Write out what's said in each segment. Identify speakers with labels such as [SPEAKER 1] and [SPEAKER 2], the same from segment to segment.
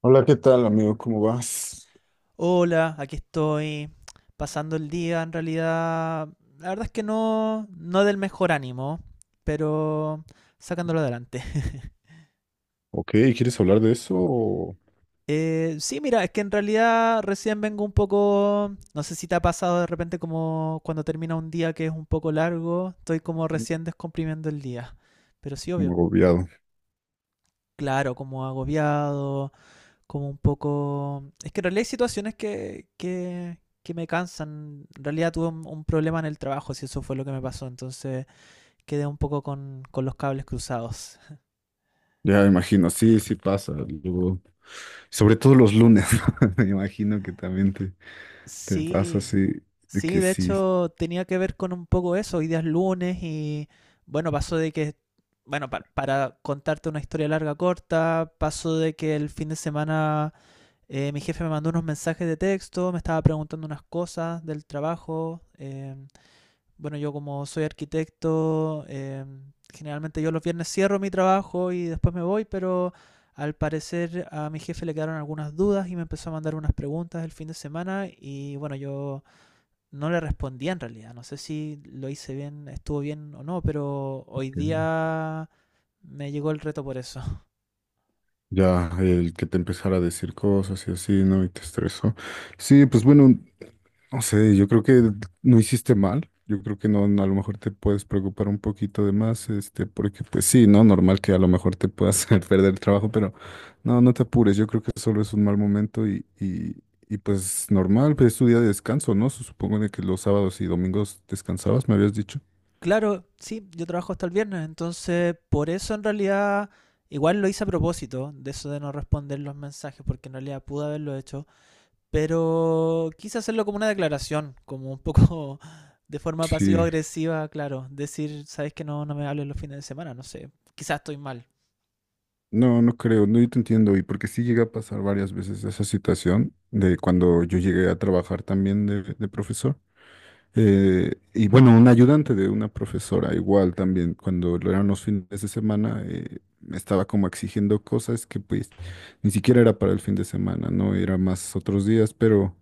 [SPEAKER 1] Hola, ¿qué tal, amigo? ¿Cómo vas?
[SPEAKER 2] Hola, aquí estoy pasando el día. En realidad, la verdad es que no, no del mejor ánimo, pero sacándolo adelante.
[SPEAKER 1] Ok, ¿quieres hablar de eso o
[SPEAKER 2] Sí, mira, es que en realidad recién vengo un poco, no sé si te ha pasado de repente como cuando termina un día que es un poco largo, estoy como recién descomprimiendo el día, pero sí,
[SPEAKER 1] como
[SPEAKER 2] obvio.
[SPEAKER 1] agobiado?
[SPEAKER 2] Claro, como agobiado, como un poco... Es que en realidad hay situaciones que me cansan. En realidad tuve un problema en el trabajo, si eso fue lo que me pasó. Entonces quedé un poco con los cables cruzados.
[SPEAKER 1] Ya me imagino, sí, sí pasa. Luego, sobre todo los lunes, me imagino que también te pasa
[SPEAKER 2] Sí,
[SPEAKER 1] así, de
[SPEAKER 2] sí,
[SPEAKER 1] que
[SPEAKER 2] de
[SPEAKER 1] sí.
[SPEAKER 2] hecho tenía que ver con un poco eso. Hoy día es lunes y bueno, pasó de que... Bueno, para contarte una historia larga corta, pasó de que el fin de semana mi jefe me mandó unos mensajes de texto, me estaba preguntando unas cosas del trabajo. Bueno, yo como soy arquitecto, generalmente yo los viernes cierro mi trabajo y después me voy, pero al parecer a mi jefe le quedaron algunas dudas y me empezó a mandar unas preguntas el fin de semana y bueno, yo no le respondía en realidad. No sé si lo hice bien, estuvo bien o no, pero hoy
[SPEAKER 1] Ok.
[SPEAKER 2] día me llegó el reto por eso.
[SPEAKER 1] Ya, el que te empezara a decir cosas y así, ¿no? Y te estresó. Sí, pues bueno, no sé, yo creo que no hiciste mal. Yo creo que no, no, a lo mejor te puedes preocupar un poquito de más, este, porque pues sí, ¿no? Normal que a lo mejor te puedas perder el trabajo, pero no, no te apures. Yo creo que solo es un mal momento y pues normal, pues es tu día de descanso, ¿no? Supongo de que los sábados y domingos descansabas, me habías dicho.
[SPEAKER 2] Claro, sí, yo trabajo hasta el viernes, entonces por eso en realidad igual lo hice a propósito de eso de no responder los mensajes, porque en realidad pude haberlo hecho. Pero quise hacerlo como una declaración, como un poco de forma
[SPEAKER 1] Sí,
[SPEAKER 2] pasivo-agresiva, claro. Decir, sabes que no, no me hables los fines de semana, no sé. Quizás estoy mal.
[SPEAKER 1] no, no creo, no, yo te entiendo, y porque sí llega a pasar varias veces esa situación de cuando yo llegué a trabajar también de profesor. Y bueno, un ayudante de una profesora, igual también, cuando lo eran los fines de semana, me estaba como exigiendo cosas que pues ni siquiera era para el fin de semana, ¿no? Era más otros días, pero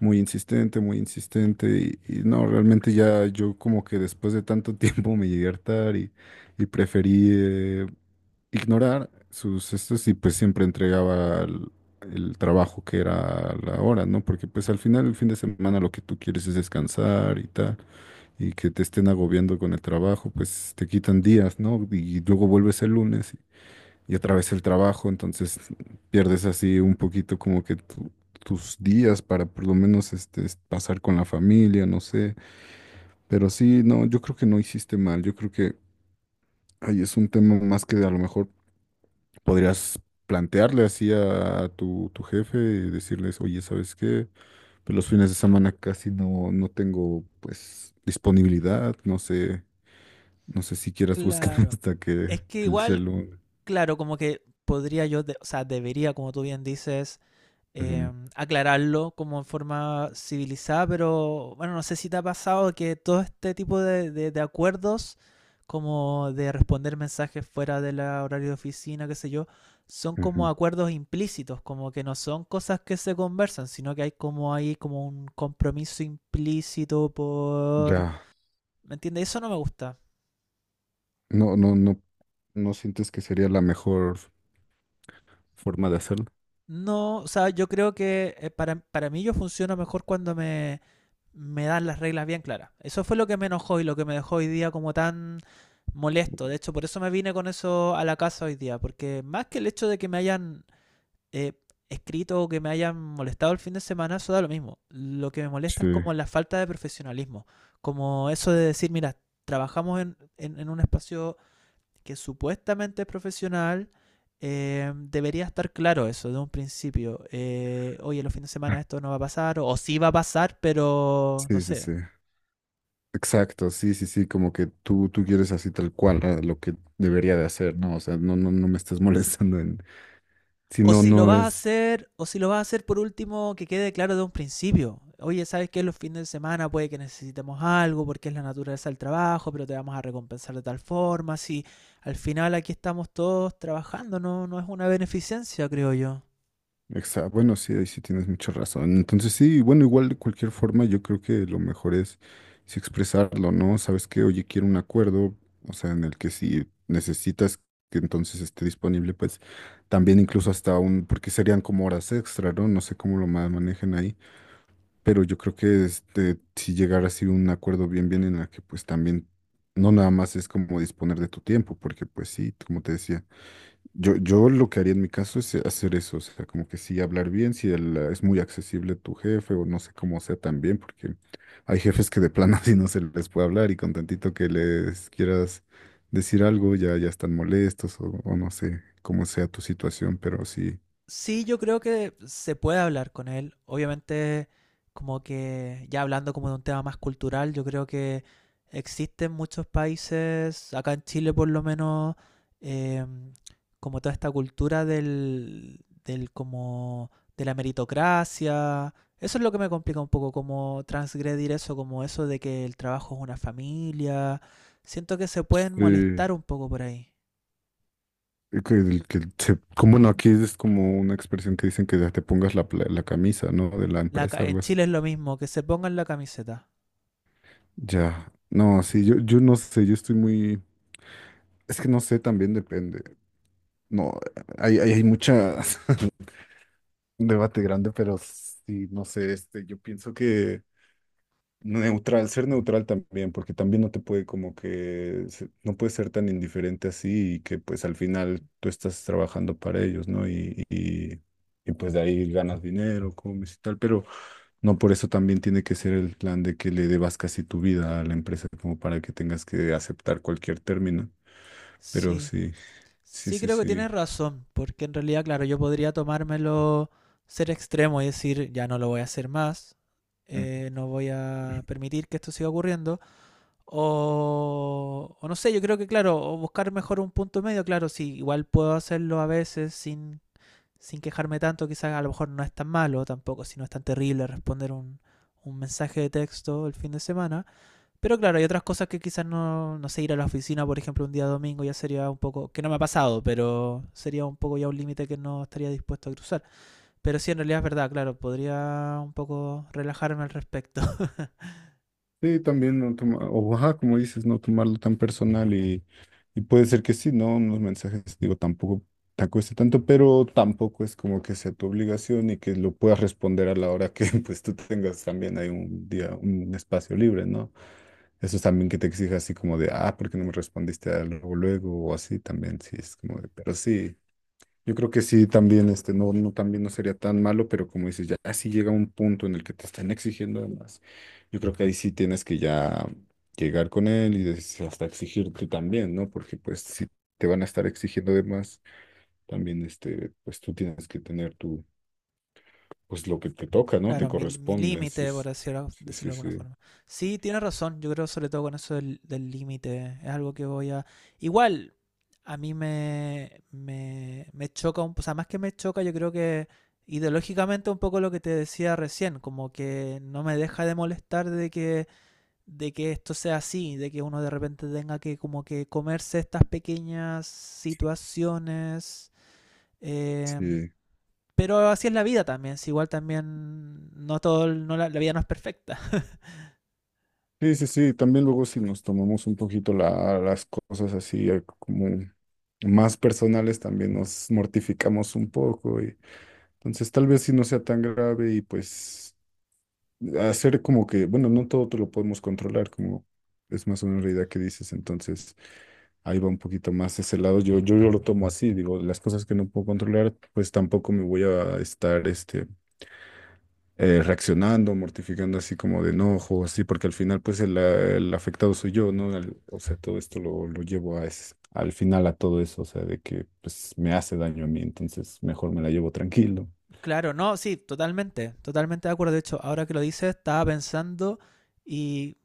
[SPEAKER 1] muy insistente, muy insistente. Y no, realmente ya yo como que después de tanto tiempo me llegué a hartar y preferí, ignorar sus estos y pues siempre entregaba el trabajo que era la hora, ¿no? Porque pues al final el fin de semana lo que tú quieres es descansar y tal, y que te estén agobiando con el trabajo, pues te quitan días, ¿no? Y luego vuelves el lunes y otra vez el trabajo, entonces pierdes así un poquito como que tus días para por lo menos este pasar con la familia, no sé, pero sí, no, yo creo que no hiciste mal, yo creo que ahí es un tema más que a lo mejor podrías plantearle así a, tu jefe y decirles, oye, ¿sabes qué? Pues los fines de semana casi no tengo pues disponibilidad, no sé, si quieras buscar
[SPEAKER 2] Claro.
[SPEAKER 1] hasta que
[SPEAKER 2] Es que
[SPEAKER 1] el
[SPEAKER 2] igual,
[SPEAKER 1] celu.
[SPEAKER 2] claro, como que podría yo, de- o sea, debería, como tú bien dices,
[SPEAKER 1] Ujú,
[SPEAKER 2] aclararlo como en forma civilizada, pero bueno, no sé si te ha pasado que todo este tipo de acuerdos, como de responder mensajes fuera del horario de oficina, qué sé yo, son como
[SPEAKER 1] ujú.
[SPEAKER 2] acuerdos implícitos, como que no son cosas que se conversan, sino que hay como ahí como un compromiso implícito por...
[SPEAKER 1] Ya,
[SPEAKER 2] ¿Me entiendes? Eso no me gusta.
[SPEAKER 1] no, no, no, no sientes que sería la mejor forma de hacerlo.
[SPEAKER 2] No, o sea, yo creo que para mí yo funciono mejor cuando me dan las reglas bien claras. Eso fue lo que me enojó y lo que me dejó hoy día como tan molesto. De hecho, por eso me vine con eso a la casa hoy día, porque más que el hecho de que me hayan eh, escrito o que me hayan molestado el fin de semana, eso da lo mismo. Lo que me molesta
[SPEAKER 1] Sí,
[SPEAKER 2] es como la falta de profesionalismo, como eso de decir, mira, trabajamos en un espacio que supuestamente es profesional. Debería estar claro eso de un principio. Oye, los fines de semana esto no va a pasar, o sí va a pasar, pero no
[SPEAKER 1] sí, sí,
[SPEAKER 2] sé,
[SPEAKER 1] sí. Exacto, sí, sí, sí, como que tú quieres así tal cual ah, lo que debería de hacer, ¿no? O sea, no, no, no me estás molestando en, si
[SPEAKER 2] o
[SPEAKER 1] no,
[SPEAKER 2] si lo
[SPEAKER 1] no
[SPEAKER 2] vas a
[SPEAKER 1] es.
[SPEAKER 2] hacer, o si lo vas a hacer por último, que quede claro de un principio. Oye, ¿sabes qué? Los fines de semana puede que necesitemos algo porque es la naturaleza del trabajo, pero te vamos a recompensar de tal forma. Si al final aquí estamos todos trabajando, no, no es una beneficencia, creo yo.
[SPEAKER 1] Exacto. Bueno, sí, ahí sí tienes mucha razón. Entonces sí, bueno, igual de cualquier forma, yo creo que lo mejor es sí expresarlo, ¿no? Sabes que, oye, quiero un acuerdo, o sea, en el que si necesitas que entonces esté disponible, pues también incluso hasta un, porque serían como horas extra, ¿no? No sé cómo lo manejen ahí, pero yo creo que este, si llegar así un acuerdo bien, bien en la que pues también no nada más es como disponer de tu tiempo, porque pues sí, como te decía. Yo lo que haría en mi caso es hacer eso, o sea, como que sí hablar bien, si es muy accesible tu jefe o no sé cómo sea también, porque hay jefes que de plano así no se les puede hablar y con tantito que les quieras decir algo ya están molestos o no sé cómo sea tu situación, pero sí.
[SPEAKER 2] Sí, yo creo que se puede hablar con él. Obviamente, como que ya hablando como de un tema más cultural, yo creo que existen muchos países, acá en Chile por lo menos, em, como toda esta cultura del como de la meritocracia. Eso es lo que me complica un poco, como transgredir eso, como eso de que el trabajo es una familia. Siento que se pueden
[SPEAKER 1] eh,
[SPEAKER 2] molestar un poco por ahí.
[SPEAKER 1] que, el- que se- Como no, aquí es como una expresión que dicen que ya te pongas la camisa, ¿no? De la
[SPEAKER 2] La
[SPEAKER 1] empresa,
[SPEAKER 2] ca- en
[SPEAKER 1] algo así.
[SPEAKER 2] Chile es lo mismo, que se pongan la camiseta.
[SPEAKER 1] Ya, no, sí, yo no sé, yo estoy muy... Es que no sé, también depende. No, hay mucha un debate grande, pero sí, no sé, este, yo pienso que neutral, ser neutral también, porque también no te puede como que, no puedes ser tan indiferente así y que pues al final tú estás trabajando para ellos, ¿no? Y pues de ahí ganas dinero, comes y tal, pero no por eso también tiene que ser el plan de que le debas casi tu vida a la empresa como para que tengas que aceptar cualquier término, pero
[SPEAKER 2] Sí,
[SPEAKER 1] sí, sí,
[SPEAKER 2] sí
[SPEAKER 1] sí,
[SPEAKER 2] creo que
[SPEAKER 1] sí.
[SPEAKER 2] tienes razón, porque en realidad, claro, yo podría tomármelo, ser extremo y decir, ya no lo voy a hacer más, no voy a permitir que esto siga ocurriendo, o no sé, yo creo que, claro, o buscar mejor un punto medio, claro, sí, igual puedo hacerlo a veces sin, sin quejarme tanto, quizás a lo mejor no es tan malo tampoco, si no es tan terrible responder un mensaje de texto el fin de semana. Pero claro, hay otras cosas que quizás no, no sé, ir a la oficina, por ejemplo, un día domingo ya sería un poco, que no me ha pasado, pero sería un poco ya un límite que no estaría dispuesto a cruzar. Pero sí, en realidad es verdad, claro, podría un poco relajarme al respecto.
[SPEAKER 1] Sí, también no toma- o ajá, como dices, no tomarlo tan personal y puede ser que sí, ¿no? Unos mensajes, digo, tampoco te cueste tanto, pero tampoco es como que sea tu obligación y que lo puedas responder a la hora que pues tú tengas también hay un día, un espacio libre, ¿no? Eso es también que te exija así como de, ah, ¿por qué no me respondiste a luego, luego? O así también, sí, es como de, pero sí. Yo creo que sí, también, este, no, no, también no sería tan malo, pero como dices, ya si llega un punto en el que te están exigiendo de más, yo creo que ahí sí tienes que ya llegar con él y hasta exigir tú también, ¿no? Porque pues si te van a estar exigiendo de más, también, este, pues tú tienes que tener tu, pues lo que te toca, ¿no? Te
[SPEAKER 2] Claro, mi
[SPEAKER 1] corresponde, sí,
[SPEAKER 2] límite, por
[SPEAKER 1] sí,
[SPEAKER 2] decirlo,
[SPEAKER 1] sí,
[SPEAKER 2] decirlo
[SPEAKER 1] sí,
[SPEAKER 2] de alguna
[SPEAKER 1] sí,
[SPEAKER 2] forma. Sí, tienes razón, yo creo sobre todo con eso del límite, es algo que voy a... Igual, a mí me choca, un- o sea, más que me choca, yo creo que ideológicamente un poco lo que te decía recién, como que no me deja de molestar de que esto sea así, de que uno de repente tenga que como que comerse estas pequeñas situaciones. eh,
[SPEAKER 1] sí.
[SPEAKER 2] pero así es la vida también, si igual también no todo, el- no la vida no es perfecta.
[SPEAKER 1] Sí, sí, sí, también luego si nos tomamos un poquito las cosas así como más personales, también nos mortificamos un poco. Y entonces tal vez si no sea tan grave y pues hacer como que, bueno, no todo te lo podemos controlar, como es más una realidad que dices, entonces ahí va un poquito más ese lado. Yo lo tomo así, digo, las cosas que no puedo controlar, pues tampoco me voy a estar, reaccionando, mortificando así como de enojo, así, porque al final pues el afectado soy yo, ¿no? O sea, todo esto lo llevo a al final a todo eso, o sea, de que pues me hace daño a mí, entonces mejor me la llevo tranquilo.
[SPEAKER 2] Claro, no, sí, totalmente, totalmente de acuerdo. De hecho, ahora que lo dices, estaba pensando y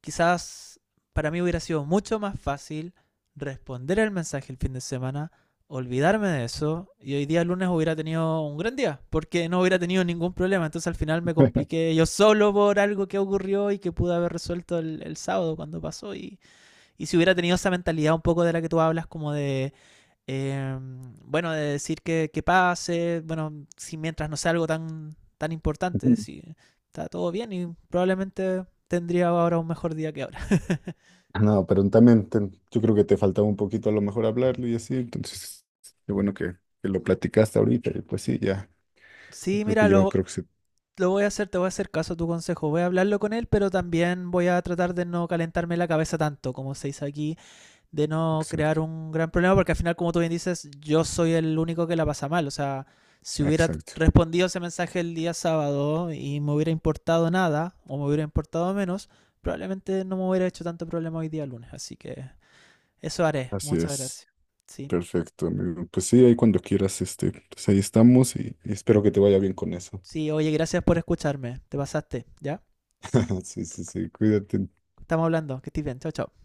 [SPEAKER 2] quizás para mí hubiera sido mucho más fácil responder el mensaje el fin de semana, olvidarme de eso y hoy día lunes hubiera tenido un gran día porque no hubiera tenido ningún problema. Entonces al final me compliqué yo solo por algo que ocurrió y que pude haber resuelto el sábado cuando pasó. Y si hubiera tenido esa mentalidad un poco de la que tú hablas, como de eh, bueno, de decir que pase, bueno, si mientras no sea algo tan, tan
[SPEAKER 1] Ujú.
[SPEAKER 2] importante, si está todo bien y probablemente tendría ahora un mejor día que ahora.
[SPEAKER 1] No, pero también yo creo que te faltaba un poquito a lo mejor hablarlo y así, entonces qué bueno que, lo platicaste ahorita, y pues sí, ya,
[SPEAKER 2] Sí,
[SPEAKER 1] creo que
[SPEAKER 2] mira,
[SPEAKER 1] yo creo que sí,
[SPEAKER 2] lo voy a hacer, te voy a hacer caso a tu consejo, voy a hablarlo con él, pero también voy a tratar de no calentarme la cabeza tanto, como se dice aquí, de no crear
[SPEAKER 1] exacto,
[SPEAKER 2] un gran problema, porque al final, como tú bien dices, yo soy el único que la pasa mal. O sea, si hubiera
[SPEAKER 1] exacto,
[SPEAKER 2] respondido ese mensaje el día sábado y me hubiera importado nada, o me hubiera importado menos, probablemente no me hubiera hecho tanto problema hoy día lunes. Así que eso haré.
[SPEAKER 1] así
[SPEAKER 2] Muchas
[SPEAKER 1] es.
[SPEAKER 2] gracias. Sí.
[SPEAKER 1] Perfecto, amigo. Pues sí, ahí cuando quieras, este, pues ahí estamos y espero que te vaya bien con eso.
[SPEAKER 2] Sí, oye, gracias por escucharme. Te pasaste, ¿ya?
[SPEAKER 1] Sí, sí, sí, cuídate.
[SPEAKER 2] Estamos hablando. Que estés bien. Chao, chao.